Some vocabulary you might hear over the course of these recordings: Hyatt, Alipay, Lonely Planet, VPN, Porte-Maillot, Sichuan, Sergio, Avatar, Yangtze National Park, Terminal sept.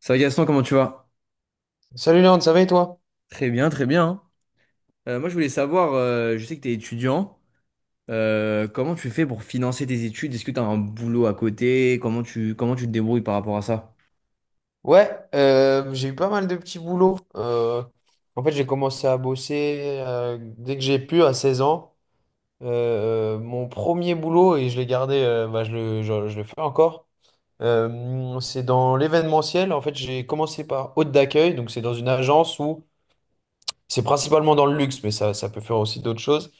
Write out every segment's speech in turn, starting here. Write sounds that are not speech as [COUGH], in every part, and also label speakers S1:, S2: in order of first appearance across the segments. S1: Ça va Gaston, comment tu vas?
S2: Salut Léon, ça va et toi?
S1: Très bien, très bien, hein. Moi, je voulais savoir, je sais que tu es étudiant, comment tu fais pour financer tes études? Est-ce que tu as un boulot à côté? Comment tu te débrouilles par rapport à ça?
S2: Ouais, j'ai eu pas mal de petits boulots. En fait, j'ai commencé à bosser dès que j'ai pu, à 16 ans. Mon premier boulot, et je l'ai gardé, je le fais encore, c'est dans l'événementiel. En fait, j'ai commencé par hôte d'accueil, donc c'est dans une agence où c'est principalement dans le luxe, mais ça peut faire aussi d'autres choses.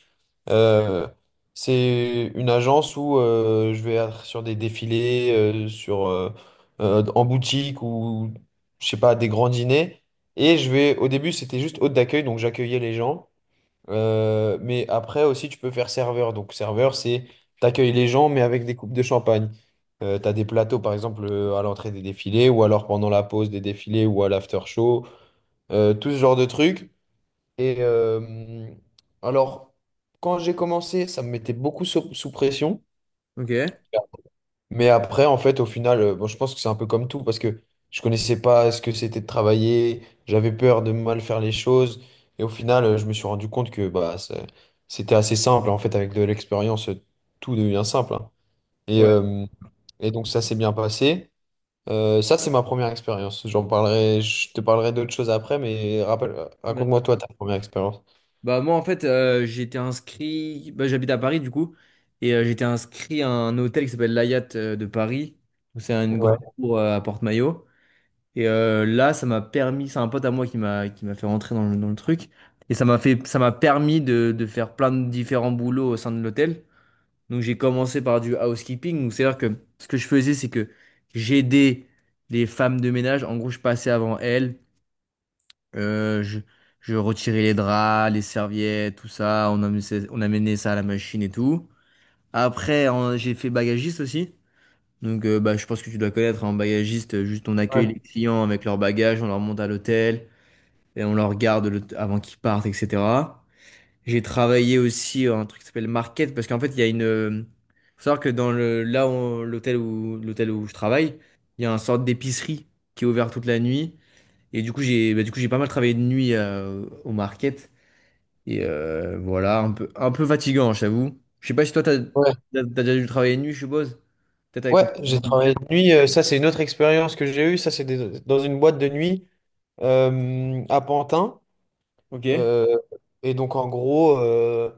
S2: Euh, c'est une agence où je vais être sur des défilés, en boutique ou, je sais pas, des grands dîners. Et au début, c'était juste hôte d'accueil, donc j'accueillais les gens. Mais après aussi, tu peux faire serveur. Donc, serveur, c'est t'accueilles les gens, mais avec des coupes de champagne. T'as des plateaux, par exemple, à l'entrée des défilés, ou alors pendant la pause des défilés, ou à l'after show. Tout ce genre de trucs. Et alors, quand j'ai commencé, ça me mettait beaucoup sous pression.
S1: Ok. Ouais.
S2: Mais après, en fait, au final, bon, je pense que c'est un peu comme tout parce que je connaissais pas ce que c'était de travailler, j'avais peur de mal faire les choses. Et au final, je me suis rendu compte que c'était assez simple. En fait, avec de l'expérience, tout devient simple, hein. Et, euh, et donc, ça s'est bien passé. Ça, c'est ma première expérience. Je te parlerai d'autres choses après, mais
S1: Vas-y.
S2: raconte-moi toi ta première expérience.
S1: Moi, en fait, j'étais inscrit, bah, j'habite à Paris, du coup, et j'étais inscrit à un hôtel qui s'appelle l'Hyatt de Paris. C'est une
S2: Ouais.
S1: grande cour à Porte-Maillot. Et là, ça m'a permis, c'est un pote à moi qui m'a fait rentrer dans le truc. Et ça m'a permis de faire plein de différents boulots au sein de l'hôtel. Donc j'ai commencé par du housekeeping. Donc c'est-à-dire que ce que je faisais, c'est que j'aidais les femmes de ménage. En gros, je passais avant elles. Euh, je, je retirais les draps, les serviettes, tout ça. On amenait ça à la machine et tout. Après, j'ai fait bagagiste aussi. Donc, bah, je pense que tu dois connaître un bagagiste, juste on accueille les clients avec leurs bagages, on leur monte à l'hôtel, et on leur regarde avant qu'ils partent, etc. J'ai travaillé aussi un truc qui s'appelle Market, parce qu'en fait, il y a une... Faut savoir que dans le, là, où- l'hôtel l'hôtel où je travaille, il y a une sorte d'épicerie qui est ouverte toute la nuit. Et du coup, j'ai pas mal travaillé de nuit au Market. Et voilà, un peu fatigant, j'avoue. Je sais pas si toi, t'as, t'as
S2: Ouais.
S1: t'as déjà dû travailler de nuit, je suppose. Peut-être avec
S2: Ouais,
S1: ton...
S2: j'ai travaillé de nuit. Ça, c'est une autre expérience que j'ai eue. Dans une boîte de nuit à Pantin.
S1: Ok,
S2: Euh, et donc, en gros,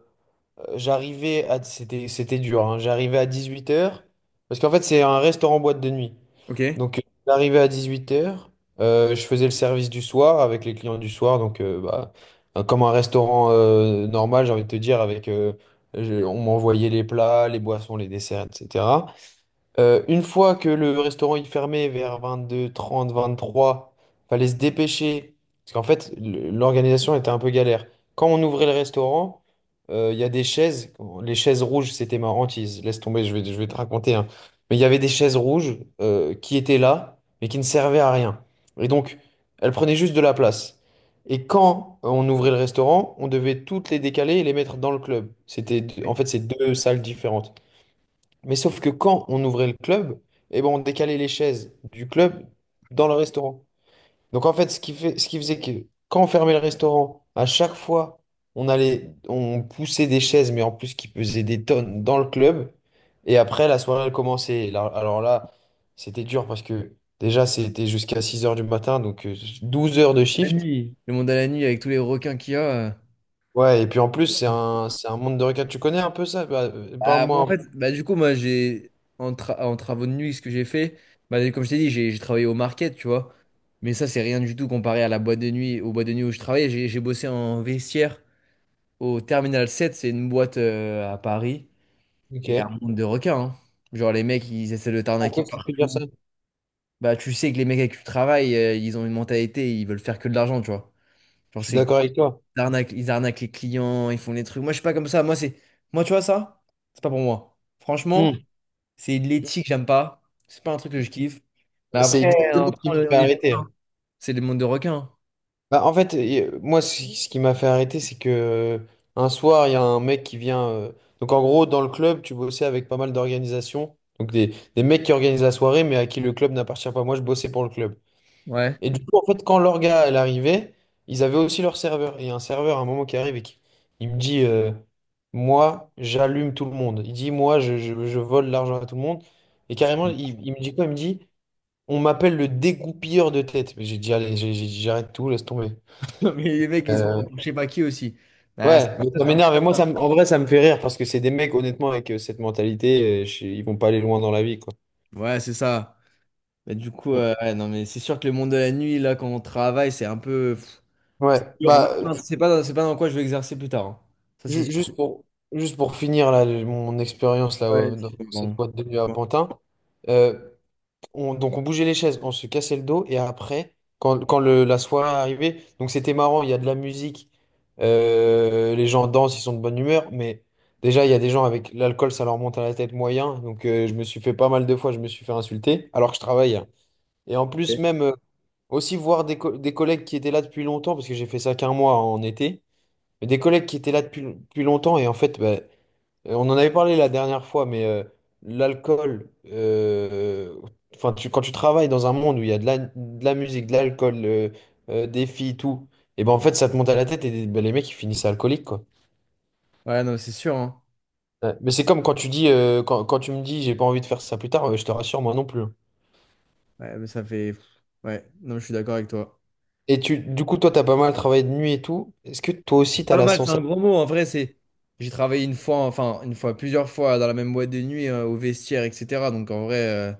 S2: j'arrivais à... C'était, c'était dur, hein. J'arrivais à 18h. Parce qu'en fait, c'est un restaurant boîte de nuit.
S1: ok.
S2: Donc, j'arrivais à 18h. Je faisais le service du soir avec les clients du soir. Donc, comme un restaurant normal, j'ai envie de te dire, avec... on m'envoyait les plats, les boissons, les desserts, etc. Une fois que le restaurant il fermait vers 22, 30, 23, fallait se dépêcher. Parce qu'en fait, l'organisation était un peu galère. Quand on ouvrait le restaurant, il y a des chaises. Les chaises rouges, c'était ma hantise. Laisse tomber, je vais te raconter, hein. Mais il y avait des chaises rouges qui étaient là, mais qui ne servaient à rien. Et donc, elles prenaient juste de la place. Et quand on ouvrait le restaurant, on devait toutes les décaler et les mettre dans le club. En fait, c'est deux salles différentes. Mais sauf que quand on ouvrait le club, eh ben on décalait les chaises du club dans le restaurant. Donc en fait, ce qui faisait que quand on fermait le restaurant, à chaque fois, on poussait des chaises, mais en plus qui pesaient des tonnes dans le club. Et après, la soirée, elle commençait. Alors là, c'était dur parce que déjà, c'était jusqu'à 6 heures du matin, donc 12 heures de
S1: La
S2: shift.
S1: nuit. Le monde à la nuit avec tous les requins qu'il y a.
S2: Ouais, et puis en plus, c'est
S1: euh.
S2: un monde de regard. Tu connais un peu ça? Bah,
S1: Bah, moi, en
S2: parle-moi.
S1: fait, bah, du coup, moi, j'ai, en, tra- en travaux de nuit, ce que j'ai fait, bah, comme je t'ai dit, j'ai travaillé au market, tu vois. Mais ça, c'est rien du tout comparé à la boîte de nuit, aux boîtes de nuit où je travaillais. J'ai bossé en vestiaire au Terminal 7, c'est une boîte à Paris. Et un
S2: Ok.
S1: monde de requins, hein. Genre, les mecs, ils essaient de t'arnaquer
S2: Pourquoi tu te dire ça?
S1: partout. Bah, tu sais que les mecs avec qui tu travailles, ils ont une mentalité, ils veulent faire que de l'argent, tu vois. Genre,
S2: Je suis
S1: c'est,
S2: d'accord avec toi.
S1: ils arnaquent les clients, ils font des trucs. Moi, je suis pas comme ça. Moi, tu vois, ça, c'est pas pour moi. Franchement.
S2: Hmm.
S1: C'est de l'éthique, j'aime pas. C'est pas un truc que je kiffe. Mais
S2: C'est
S1: après,
S2: exactement ce qui m'a
S1: après, on
S2: fait
S1: on y...
S2: arrêter.
S1: C'est des mondes de requins, hein.
S2: Bah, en fait, moi, ce qui m'a fait arrêter, c'est que un soir, il y a un mec qui vient. Donc, en gros, dans le club, tu bossais avec pas mal d'organisations. Donc, des mecs qui organisent la soirée, mais à qui le club n'appartient pas. Moi, je bossais pour le club.
S1: Ouais.
S2: Et du coup, en fait, quand l'orga, elle arrivait, ils avaient aussi leur serveur. Et il y a un serveur, à un moment, qui arrive et qui il me dit moi, j'allume tout le monde. Il dit moi, je vole l'argent à tout le monde. Et carrément,
S1: [LAUGHS]
S2: il me dit quoi? Il me dit. On m'appelle le dégoupilleur de tête. Mais j'ai dit, allez, j'ai dit, j'arrête tout, laisse tomber.
S1: Mais les mecs, ils sont
S2: Euh,
S1: pour je sais pas qui aussi. Bah, c'est
S2: ouais, mais
S1: ça,
S2: ça
S1: c'est un truc
S2: m'énerve. Et moi,
S1: comme ça.
S2: en vrai, ça me fait rire parce que c'est des mecs, honnêtement, avec cette mentalité, ils vont pas aller loin dans la vie, quoi.
S1: Ouais, c'est ça. Mais du coup,
S2: Mm.
S1: ouais, non, mais c'est sûr que le monde de la nuit, là, quand on travaille, c'est un peu pff,
S2: Ouais,
S1: dur, hein.
S2: bah,
S1: Moi, c'est pas dans quoi je vais exercer plus tard, hein. Ça, c'est
S2: ju- juste
S1: sûr.
S2: pour, juste pour finir là, mon expérience là,
S1: Ouais,
S2: dans cette
S1: pardon.
S2: boîte de nuit à Pantin. euh, donc on bougeait les chaises, on se cassait le dos et après, quand la soirée arrivait, donc c'était marrant, il y a de la musique, les gens dansent, ils sont de bonne humeur, mais déjà il y a des gens avec l'alcool, ça leur monte à la tête moyen, donc je me suis fait pas mal de fois, je me suis fait insulter alors que je travaille, hein. Et en plus même aussi voir des collègues qui étaient là depuis longtemps, parce que j'ai fait ça qu'un mois en été, mais des collègues qui étaient là depuis longtemps et en fait, on en avait parlé la dernière fois, mais l'alcool, enfin, quand tu travailles dans un monde où il y a de de la musique, de l'alcool, des filles, tout, et ben en fait, ça te monte à la tête et ben, les mecs, ils finissent alcooliques, quoi.
S1: Ouais, non, mais c'est sûr, hein.
S2: Ouais. Mais c'est comme quand tu dis, quand tu me dis, j'ai pas envie de faire ça plus tard, je te rassure, moi non plus, hein.
S1: Ouais, mais ça fait. Ouais, non, mais je suis d'accord avec toi.
S2: Et toi, t'as pas mal travaillé de nuit et tout. Est-ce que toi aussi, t'as
S1: Pas
S2: la
S1: mal, c'est
S2: sensation?
S1: un gros mot. En vrai, c'est. J'ai travaillé une fois, enfin, une fois, plusieurs fois dans la même boîte de nuit, au vestiaire, etc. Donc, en vrai,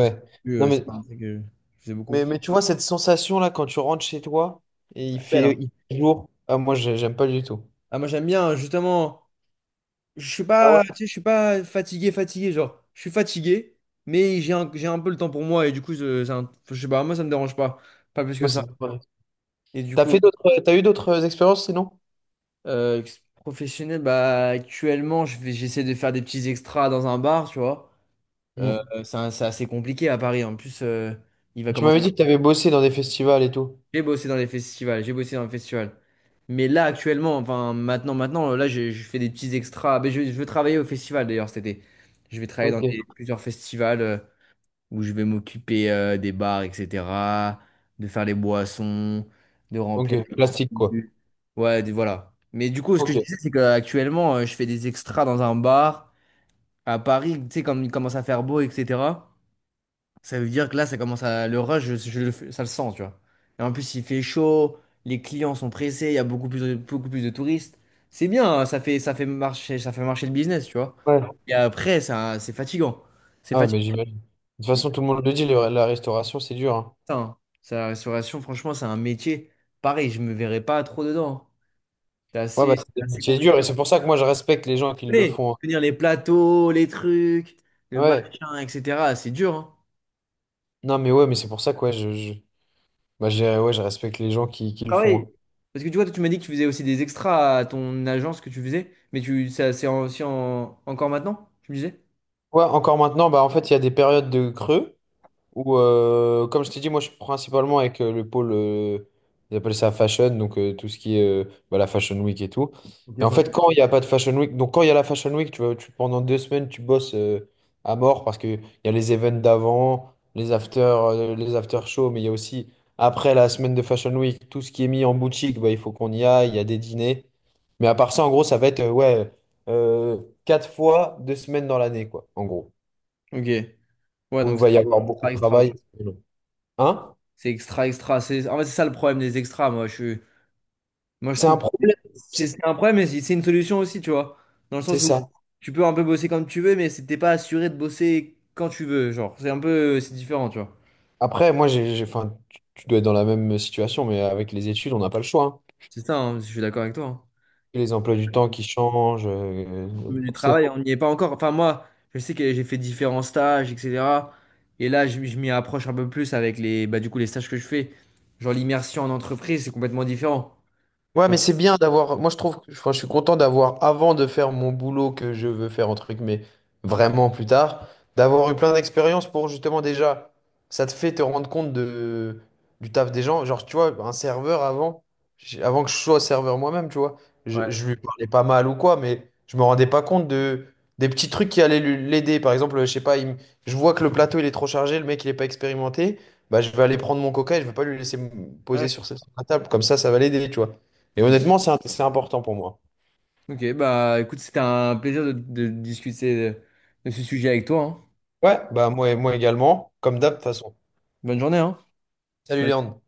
S1: c'est plus,
S2: Non,
S1: euh, c'est pas un truc que je faisais beaucoup.
S2: mais tu vois, cette sensation-là, quand tu rentres chez toi et
S1: Belle, hein.
S2: il fait jour, ah, moi, j'aime pas du tout.
S1: Ah, moi, j'aime bien, justement. Je suis
S2: Ah ouais?
S1: pas, tu sais, je suis pas fatigué, fatigué. Genre, je suis fatigué, mais j'ai un peu le temps pour moi. Et du coup, je sais pas, moi, ça me dérange pas. Pas plus
S2: Moi,
S1: que
S2: c'est
S1: ça. Et du
S2: T'as
S1: coup,
S2: fait d'autres, t'as eu d'autres expériences sinon?
S1: professionnel, bah, actuellement, j'essaie de faire des petits extras dans un bar, tu vois.
S2: Mm.
S1: C'est assez compliqué à Paris. En plus, il va
S2: Tu
S1: commencer.
S2: m'avais dit que t'avais bossé dans des festivals et tout.
S1: J'ai bossé dans les festivals. Mais là, actuellement, enfin, maintenant, là, je fais des petits extras. Mais je veux travailler au festival d'ailleurs cet été. Je vais travailler dans
S2: Ok.
S1: plusieurs festivals où je vais m'occuper des bars, etc., de faire les boissons, de remplir
S2: Ok, plastique quoi.
S1: les... Ouais, voilà. Mais du coup, ce que
S2: Ok.
S1: je disais, c'est qu'actuellement, je fais des extras dans un bar à Paris, tu sais, comme il commence à faire beau, etc. Ça veut dire que là, ça commence à... Le rush, je le ça le sent, tu vois. Et en plus, il fait chaud, les clients sont pressés, il y a beaucoup plus de touristes. C'est bien, hein, ça fait marcher le business, tu vois.
S2: Ouais.
S1: Et après, ça, c'est fatigant. C'est
S2: Ah ouais, mais
S1: fatigant.
S2: j'imagine. De toute
S1: Et
S2: façon, tout le monde le dit, la restauration, c'est dur, hein.
S1: putain, ça, la restauration, franchement, c'est un métier. Pareil, je me verrais pas trop dedans, hein. C'est
S2: Ouais, bah
S1: assez,
S2: c'est des
S1: assez
S2: métiers durs
S1: compliqué.
S2: et c'est pour ça que moi je respecte les gens qui le
S1: Mais
S2: font, hein.
S1: tenir les plateaux, les trucs, le
S2: Ouais.
S1: machin, etc., c'est dur, hein.
S2: Non, mais ouais, mais c'est pour ça que ouais, ouais, je respecte les gens qui le font,
S1: Travail.
S2: hein.
S1: Parce que tu vois, toi, tu m'as dit que tu faisais aussi des extras à ton agence que tu faisais, mais tu, ça, c'est encore maintenant, tu me disais?
S2: Ouais, encore maintenant, bah en fait, il y a des périodes de creux. Ou comme je t'ai dit, moi je suis principalement avec le pôle, ils appellent ça fashion, donc tout ce qui est bah, la Fashion Week et tout.
S1: Ok,
S2: Et en
S1: ça va.
S2: fait, quand il n'y a pas de Fashion Week, donc quand il y a la Fashion Week, tu vois, pendant 2 semaines, tu bosses à mort parce qu'il y a les events d'avant, les after shows, mais il y a aussi après la semaine de Fashion Week, tout ce qui est mis en boutique, bah, il faut qu'on y aille, il y a des dîners. Mais à part ça, en gros, ça va être euh, 4 fois 2 semaines dans l'année, quoi, en gros,
S1: Ok. Ouais,
S2: où
S1: donc
S2: il va
S1: c'est
S2: y
S1: vraiment
S2: avoir beaucoup
S1: extra,
S2: de
S1: extra,
S2: travail.
S1: quoi.
S2: Hein?
S1: C'est extra, extra. C'est... En fait, c'est ça le problème des extras, moi. Moi, je
S2: C'est un
S1: trouve que
S2: problème,
S1: c'est
S2: c'est
S1: c'est un problème, mais c'est une solution aussi, tu vois. Dans le
S2: c'est
S1: sens où
S2: ça.
S1: tu peux un peu bosser quand tu veux, mais t'es pas assuré de bosser quand tu veux. Genre, c'est un peu... C'est différent, tu vois.
S2: Après, moi, enfin, tu dois être dans la même situation, mais avec les études, on n'a pas le choix, hein.
S1: C'est ça, hein, je suis d'accord avec toi, hein.
S2: Les emplois du temps qui changent,
S1: Du travail,
S2: forcément.
S1: on n'y est pas encore. Enfin, moi, je sais que j'ai fait différents stages, etc. Et là, je m'y approche un peu plus avec les, bah, du coup, les stages que je fais. Genre, l'immersion en entreprise, c'est complètement différent.
S2: Ouais, mais c'est bien d'avoir. Moi, je trouve que enfin, je suis content d'avoir, avant de faire mon boulot que je veux faire, entre guillemets, vraiment plus tard, d'avoir eu plein d'expériences pour justement déjà. Ça te fait te rendre compte de, du taf des gens. Genre, tu vois, un serveur avant, avant que je sois serveur moi-même, tu vois,
S1: Ouais.
S2: je lui parlais pas mal ou quoi, mais je me rendais pas compte de, des petits trucs qui allaient l'aider. Par exemple, je sais pas, je vois que le plateau il est trop chargé, le mec il est pas expérimenté. Bah, je vais aller prendre mon coca et je vais pas lui laisser me poser
S1: Ouais.
S2: sur la table. Comme ça va l'aider, tu vois. Et honnêtement, c'est important pour moi.
S1: Ok, bah écoute, c'était un plaisir de discuter de ce sujet avec toi, hein.
S2: Ouais, bah moi, moi également, comme d'hab de toute façon.
S1: Bonne journée, hein.
S2: Salut Léandre.